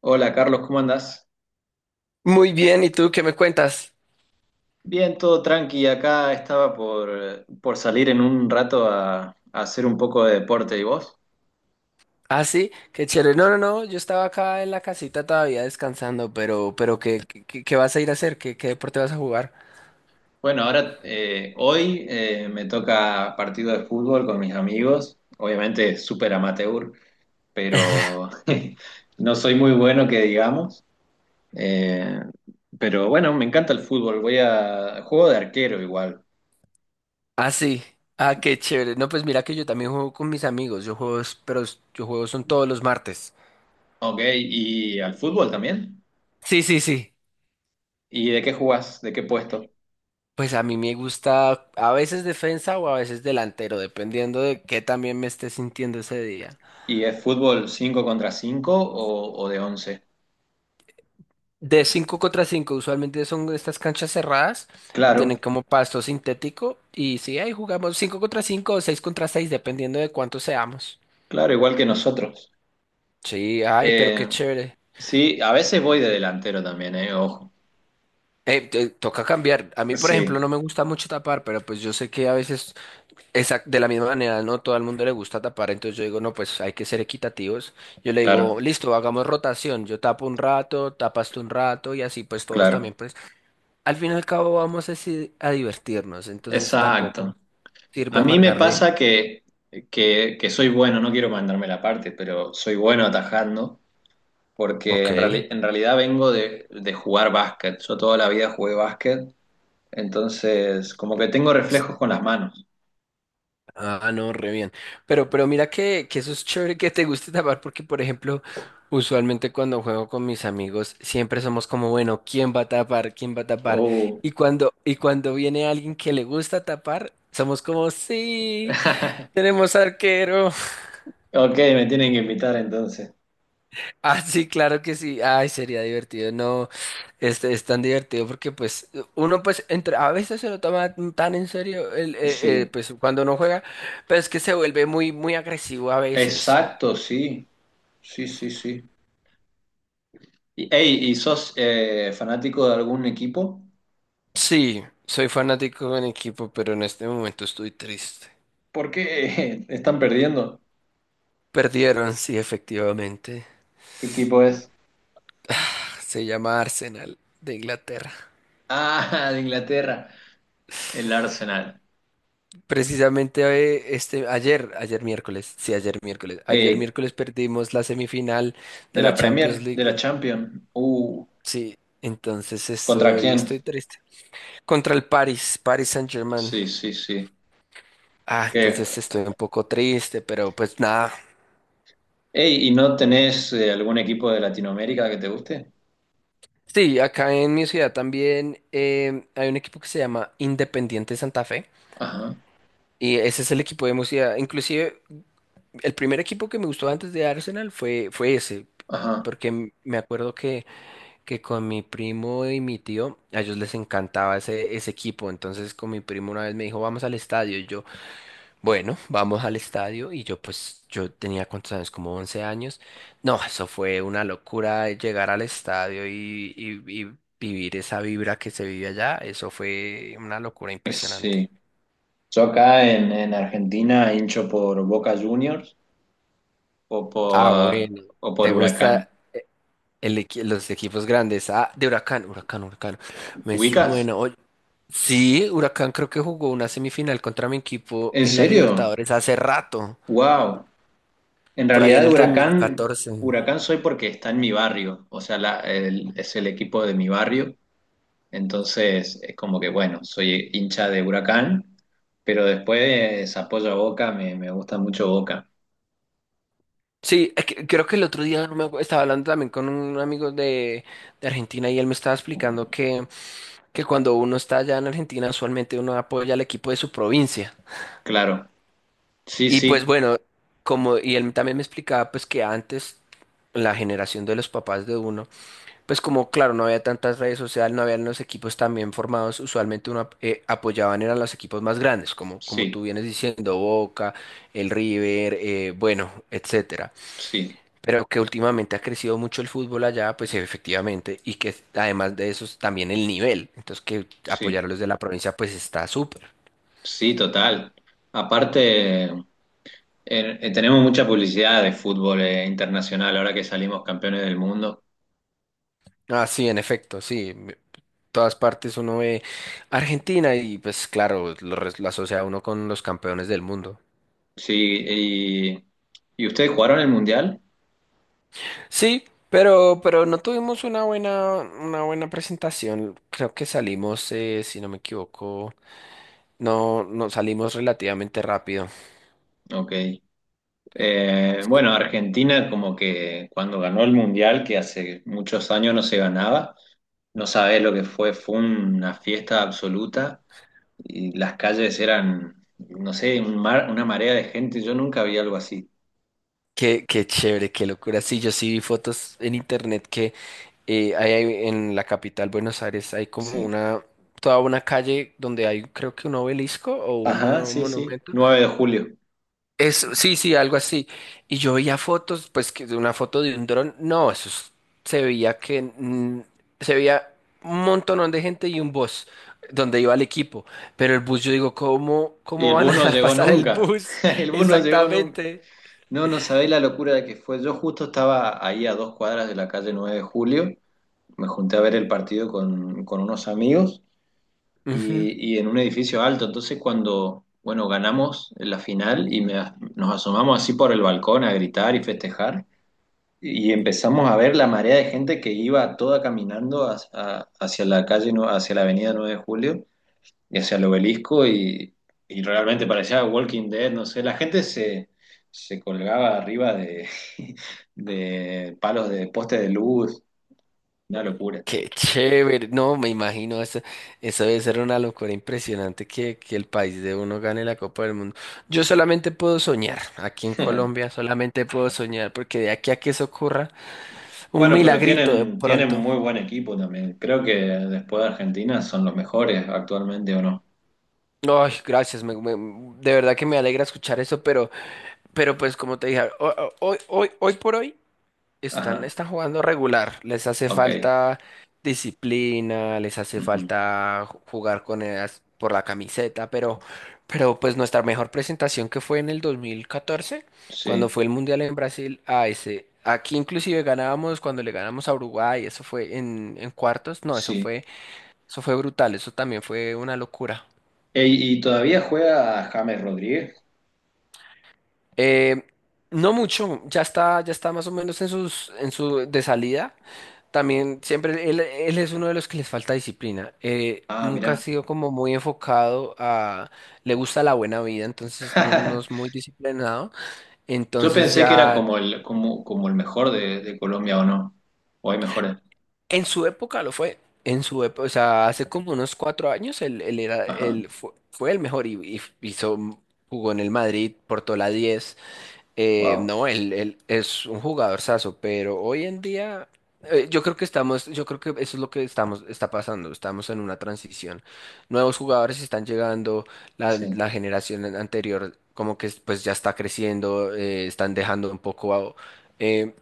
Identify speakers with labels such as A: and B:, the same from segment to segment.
A: Hola Carlos, ¿cómo andás?
B: Muy bien, ¿y tú qué me cuentas?
A: Bien, todo tranqui. Acá estaba por salir en un rato a hacer un poco de deporte. ¿Y vos?
B: Ah, sí, qué chévere. No, yo estaba acá en la casita todavía descansando, pero ¿qué, qué vas a ir a hacer? ¿Qué, qué deporte vas a jugar?
A: Bueno, ahora hoy me toca partido de fútbol con mis amigos. Obviamente súper amateur, pero no soy muy bueno que digamos. Eh, pero bueno, me encanta el fútbol. Voy a juego de arquero igual.
B: Ah, sí. Ah, qué chévere. No, pues mira que yo también juego con mis amigos. Yo juego, yo juego son todos los martes.
A: Ok, ¿y al fútbol también?
B: Sí, sí, sí.
A: ¿Y de qué jugás? ¿De qué puesto?
B: Pues a mí me gusta a veces defensa o a veces delantero, dependiendo de qué también me esté sintiendo ese día.
A: ¿Y es fútbol 5 contra 5 o de once?
B: De 5 contra 5 usualmente son estas canchas cerradas y
A: Claro,
B: tienen como pasto sintético. Y sí, ahí jugamos 5 contra 5 o 6 contra 6 dependiendo de cuántos seamos.
A: claro, igual que nosotros.
B: Sí, ay, pero qué
A: Eh,
B: chévere.
A: sí, a veces voy de delantero también, ojo.
B: Toca cambiar. A mí, por ejemplo,
A: Sí,
B: no me gusta mucho tapar, pero pues yo sé que a veces de la misma manera no todo el mundo le gusta tapar, entonces yo digo, no, pues hay que ser equitativos. Yo le
A: claro,
B: digo, listo, hagamos rotación. Yo tapo un rato, tapas tú un rato y así pues todos también
A: claro.
B: pues al fin y al cabo vamos a, sí, a divertirnos, entonces tampoco
A: Exacto.
B: sirve
A: A mí me
B: amargarle.
A: pasa que soy bueno, no quiero mandarme la parte, pero soy bueno atajando, porque
B: Ok.
A: en realidad vengo de jugar básquet. Yo toda la vida jugué básquet, entonces como que tengo
B: Pues,
A: reflejos con las manos.
B: ah, no, re bien. Pero mira que eso es chévere que te guste tapar porque, por ejemplo, usualmente cuando juego con mis amigos, siempre somos como, bueno, ¿quién va a tapar? ¿Quién va a tapar?
A: Oh.
B: Y cuando viene alguien que le gusta tapar, somos como, sí, tenemos arquero.
A: Ok, me tienen que invitar entonces.
B: Ah, sí, claro que sí. Ay, sería divertido. No, este es tan divertido porque pues uno pues entre a veces se lo toma tan en serio el,
A: Sí,
B: pues cuando no juega, pero es que se vuelve muy muy agresivo a veces.
A: exacto, sí, sí, sí, sí. Y, ey, ¿y sos fanático de algún equipo?
B: Sí, soy fanático de un equipo, pero en este momento estoy triste.
A: ¿Por qué están perdiendo?
B: Perdieron, sí, efectivamente.
A: ¿Qué equipo es?
B: Se llama Arsenal de Inglaterra.
A: Ah, de Inglaterra, el Arsenal.
B: Precisamente ayer, ayer miércoles, sí, ayer miércoles. Ayer
A: Eh,
B: miércoles perdimos la semifinal de
A: de
B: la
A: la
B: Champions
A: Premier, de la
B: League.
A: Champions.
B: Sí, entonces
A: ¿Contra
B: estoy,
A: quién?
B: estoy triste. Contra el Paris Saint-Germain.
A: Sí, sí, sí.
B: Ah,
A: Que-
B: entonces estoy un poco triste, pero pues nada.
A: Ey, ¿y no tenés algún equipo de Latinoamérica que te guste?
B: Sí, acá en mi ciudad también hay un equipo que se llama Independiente Santa Fe.
A: Ajá,
B: Y ese es el equipo de mi ciudad. Inclusive, el primer equipo que me gustó antes de Arsenal fue ese.
A: ajá.
B: Porque me acuerdo que con mi primo y mi tío, a ellos les encantaba ese equipo. Entonces con mi primo una vez me dijo, vamos al estadio. Bueno, vamos al estadio y yo pues yo tenía cuántos años, como 11 años. No, eso fue una locura llegar al estadio y vivir esa vibra que se vive allá. Eso fue una locura impresionante.
A: Sí. Yo acá en Argentina hincho por Boca Juniors. o
B: Ah,
A: por,
B: bueno.
A: o por
B: ¿Te
A: Huracán.
B: gusta los equipos grandes? Ah, de Huracán, Huracán, Huracán. Me
A: ¿Ubicas?
B: suena. Oye, sí, Huracán creo que jugó una semifinal contra mi equipo
A: ¿En
B: en la
A: serio?
B: Libertadores hace rato,
A: ¡Wow! En
B: por ahí en
A: realidad,
B: el 2014.
A: Huracán soy porque está en mi barrio, o sea, es el equipo de mi barrio, entonces es como que, bueno, soy hincha de Huracán, pero después apoyo a Boca, me gusta mucho Boca,
B: Sí, creo que el otro día no me acuerdo, estaba hablando también con un amigo de Argentina y él me estaba explicando que cuando uno está allá en Argentina, usualmente uno apoya al equipo de su provincia.
A: claro. Sí,
B: Y pues
A: sí,
B: bueno, como, y él también me explicaba pues que antes la generación de los papás de uno, pues como claro, no había tantas redes sociales, no habían los equipos tan bien formados, usualmente uno apoyaban eran los equipos más grandes, como, como
A: sí,
B: tú vienes diciendo, Boca, el River, bueno, etcétera.
A: sí,
B: Pero que últimamente ha crecido mucho el fútbol allá, pues efectivamente, y que además de eso es también el nivel. Entonces que
A: sí,
B: apoyar a los de la provincia pues está súper.
A: sí, total. Aparte... Tenemos mucha publicidad de fútbol internacional ahora que salimos campeones del mundo.
B: Ah, sí, en efecto, sí. Todas partes uno ve Argentina y pues claro, lo asocia uno con los campeones del mundo.
A: Sí, ¿y ustedes jugaron el mundial?
B: Sí, pero no tuvimos una buena presentación. Creo que salimos, si no me equivoco, no, no salimos relativamente rápido.
A: Ok. Bueno, Argentina como que cuando ganó el mundial, que hace muchos años no se ganaba, no sabés lo que fue, fue una fiesta absoluta y las calles eran, no sé, una marea de gente, yo nunca vi algo así.
B: Qué, qué chévere, qué locura. Sí, yo sí vi fotos en internet que hay, hay en la capital, Buenos Aires, hay como
A: Sí.
B: una, toda una calle donde hay creo que un obelisco o
A: Ajá,
B: un
A: sí, sí,
B: monumento.
A: 9 de julio.
B: Eso, sí, sí, algo así. Y yo veía fotos, pues que de una foto de un dron, no, se veía que se veía un montonón de gente y un bus donde iba el equipo. Pero el bus, yo digo, ¿cómo,
A: Y
B: cómo
A: el
B: van a
A: bus no
B: dejar
A: llegó
B: pasar el
A: nunca,
B: bus?
A: el bus no llegó nunca.
B: Exactamente.
A: No, no sabéis la locura de que fue. Yo justo estaba ahí a dos cuadras de la calle 9 de Julio. Me junté a ver el partido con unos amigos
B: Ujú.
A: y en un edificio alto. Entonces cuando, bueno, ganamos la final y nos asomamos así por el balcón a gritar y festejar y empezamos a ver la marea de gente que iba toda caminando hacia la hacia la avenida 9 de Julio y hacia el obelisco y realmente parecía Walking Dead, no sé, se colgaba arriba de, de palos de postes de luz, una locura.
B: Qué chévere, no me imagino, eso debe ser una locura impresionante que el país de uno gane la Copa del Mundo. Yo solamente puedo soñar, aquí en Colombia solamente puedo soñar, porque de aquí a que eso ocurra, un
A: Bueno, pero
B: milagrito de
A: tienen, tienen
B: pronto.
A: muy buen equipo también. Creo que después de Argentina son los mejores actualmente o no.
B: Ay, gracias, de verdad que me alegra escuchar eso, pero pues como te dije, hoy, hoy por hoy. Están,
A: Ajá,
B: están jugando regular, les hace
A: ok.
B: falta disciplina, les hace
A: Ujú.
B: falta jugar con ellas por la camiseta, pero pues nuestra mejor presentación que fue en el 2014,
A: Sí,
B: cuando fue el Mundial en Brasil, a ese, aquí inclusive ganábamos cuando le ganamos a Uruguay, eso fue en cuartos, no,
A: sí.
B: eso fue brutal, eso también fue una locura.
A: Ey, ¿y todavía juega James Rodríguez?
B: Eh, no mucho, ya está más o menos en sus, en su de salida. También siempre él, él es uno de los que les falta disciplina.
A: Ah,
B: Nunca ha
A: mirá.
B: sido como muy enfocado a, le gusta la buena vida, entonces no, no es muy disciplinado.
A: Yo
B: Entonces
A: pensé que era
B: ya,
A: como como el mejor de Colombia o no. O hay mejores.
B: en su época lo fue. En su época, o sea, hace como unos 4 años él, él era,
A: Ajá,
B: él fue, fue el mejor y hizo, jugó en el Madrid, portó la 10.
A: wow,
B: No, él, él es un jugadorzazo, pero hoy en día yo creo que estamos, yo creo que eso es lo que estamos, está pasando, estamos en una transición. Nuevos jugadores están llegando, la,
A: sí,
B: la generación anterior como que pues ya está creciendo, están dejando un poco eh,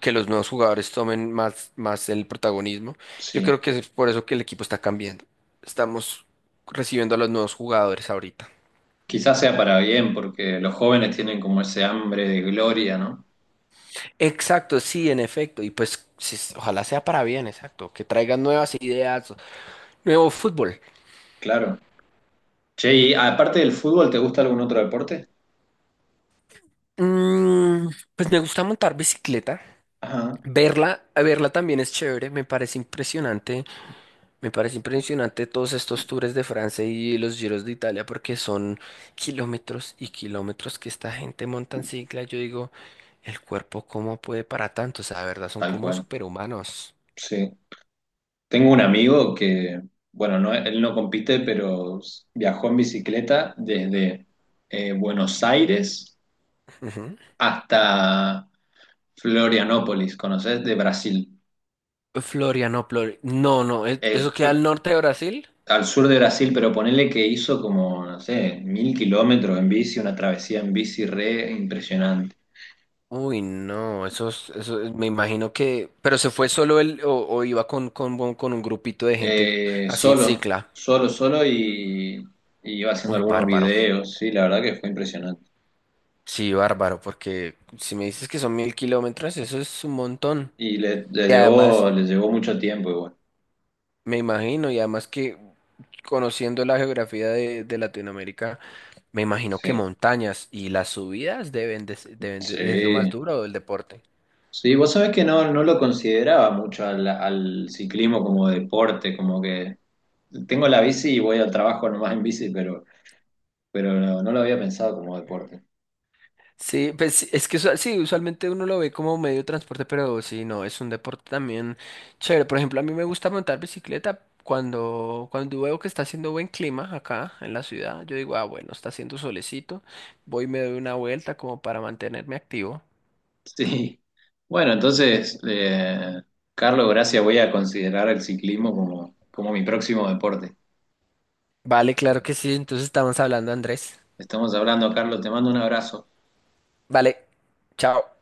B: que los nuevos jugadores tomen más, más el protagonismo. Yo
A: sí.
B: creo que es por eso que el equipo está cambiando. Estamos recibiendo a los nuevos jugadores ahorita.
A: Quizás sea para bien, porque los jóvenes tienen como ese hambre de gloria, ¿no?
B: Exacto, sí, en efecto. Y pues sí, ojalá sea para bien, exacto. Que traigan nuevas ideas, nuevo fútbol.
A: Claro. Che, y aparte del fútbol, ¿te gusta algún otro deporte?
B: Mm, pues me gusta montar bicicleta.
A: Ajá,
B: Verla, verla también es chévere, me parece impresionante todos estos tours de Francia y los giros de Italia porque son kilómetros y kilómetros que esta gente monta en cicla. Yo digo, el cuerpo cómo puede para tanto, o sea, de verdad son
A: tal
B: como
A: cual,
B: superhumanos.
A: sí. Tengo un amigo que, bueno, no, él no compite, pero viajó en bicicleta desde Buenos Aires
B: Ujú.
A: hasta Florianópolis, ¿conoces? De Brasil.
B: Florianópolis, no, no, ¿eso
A: Eh,
B: queda al norte de Brasil?
A: al sur de Brasil, pero ponele que hizo como, no sé, 1000 kilómetros en bici, una travesía en bici re impresionante.
B: Uy, no, eso, me imagino que, pero se fue solo él o iba con, con un grupito de gente
A: Eh,
B: así en
A: solo,
B: cicla.
A: Solo y iba haciendo
B: Uy,
A: algunos
B: bárbaro.
A: videos, sí, la verdad que fue impresionante.
B: Sí, bárbaro, porque si me dices que son 1.000 kilómetros, eso es un montón.
A: Y
B: Y además,
A: le llevó mucho tiempo igual,
B: me imagino, y además que conociendo la geografía de Latinoamérica, me imagino que
A: sí.
B: montañas y las subidas deben es lo más
A: Sí,
B: duro del deporte.
A: sí, vos sabés que no, no lo consideraba mucho al ciclismo como deporte, como que tengo la bici y voy al trabajo nomás en bici, pero no, no lo había pensado como deporte.
B: Sí, pues sí, es que sí, usualmente uno lo ve como medio de transporte, pero sí, no, es un deporte también chévere. Por ejemplo, a mí me gusta montar bicicleta cuando, cuando veo que está haciendo buen clima acá en la ciudad. Yo digo, ah, bueno, está haciendo solecito, voy y me doy una vuelta como para mantenerme activo.
A: Sí. Bueno, entonces, Carlos, gracias. Voy a considerar el ciclismo como mi próximo deporte.
B: Vale, claro que sí, entonces estamos hablando, Andrés.
A: Estamos hablando, Carlos. Te mando un abrazo.
B: Vale, chao.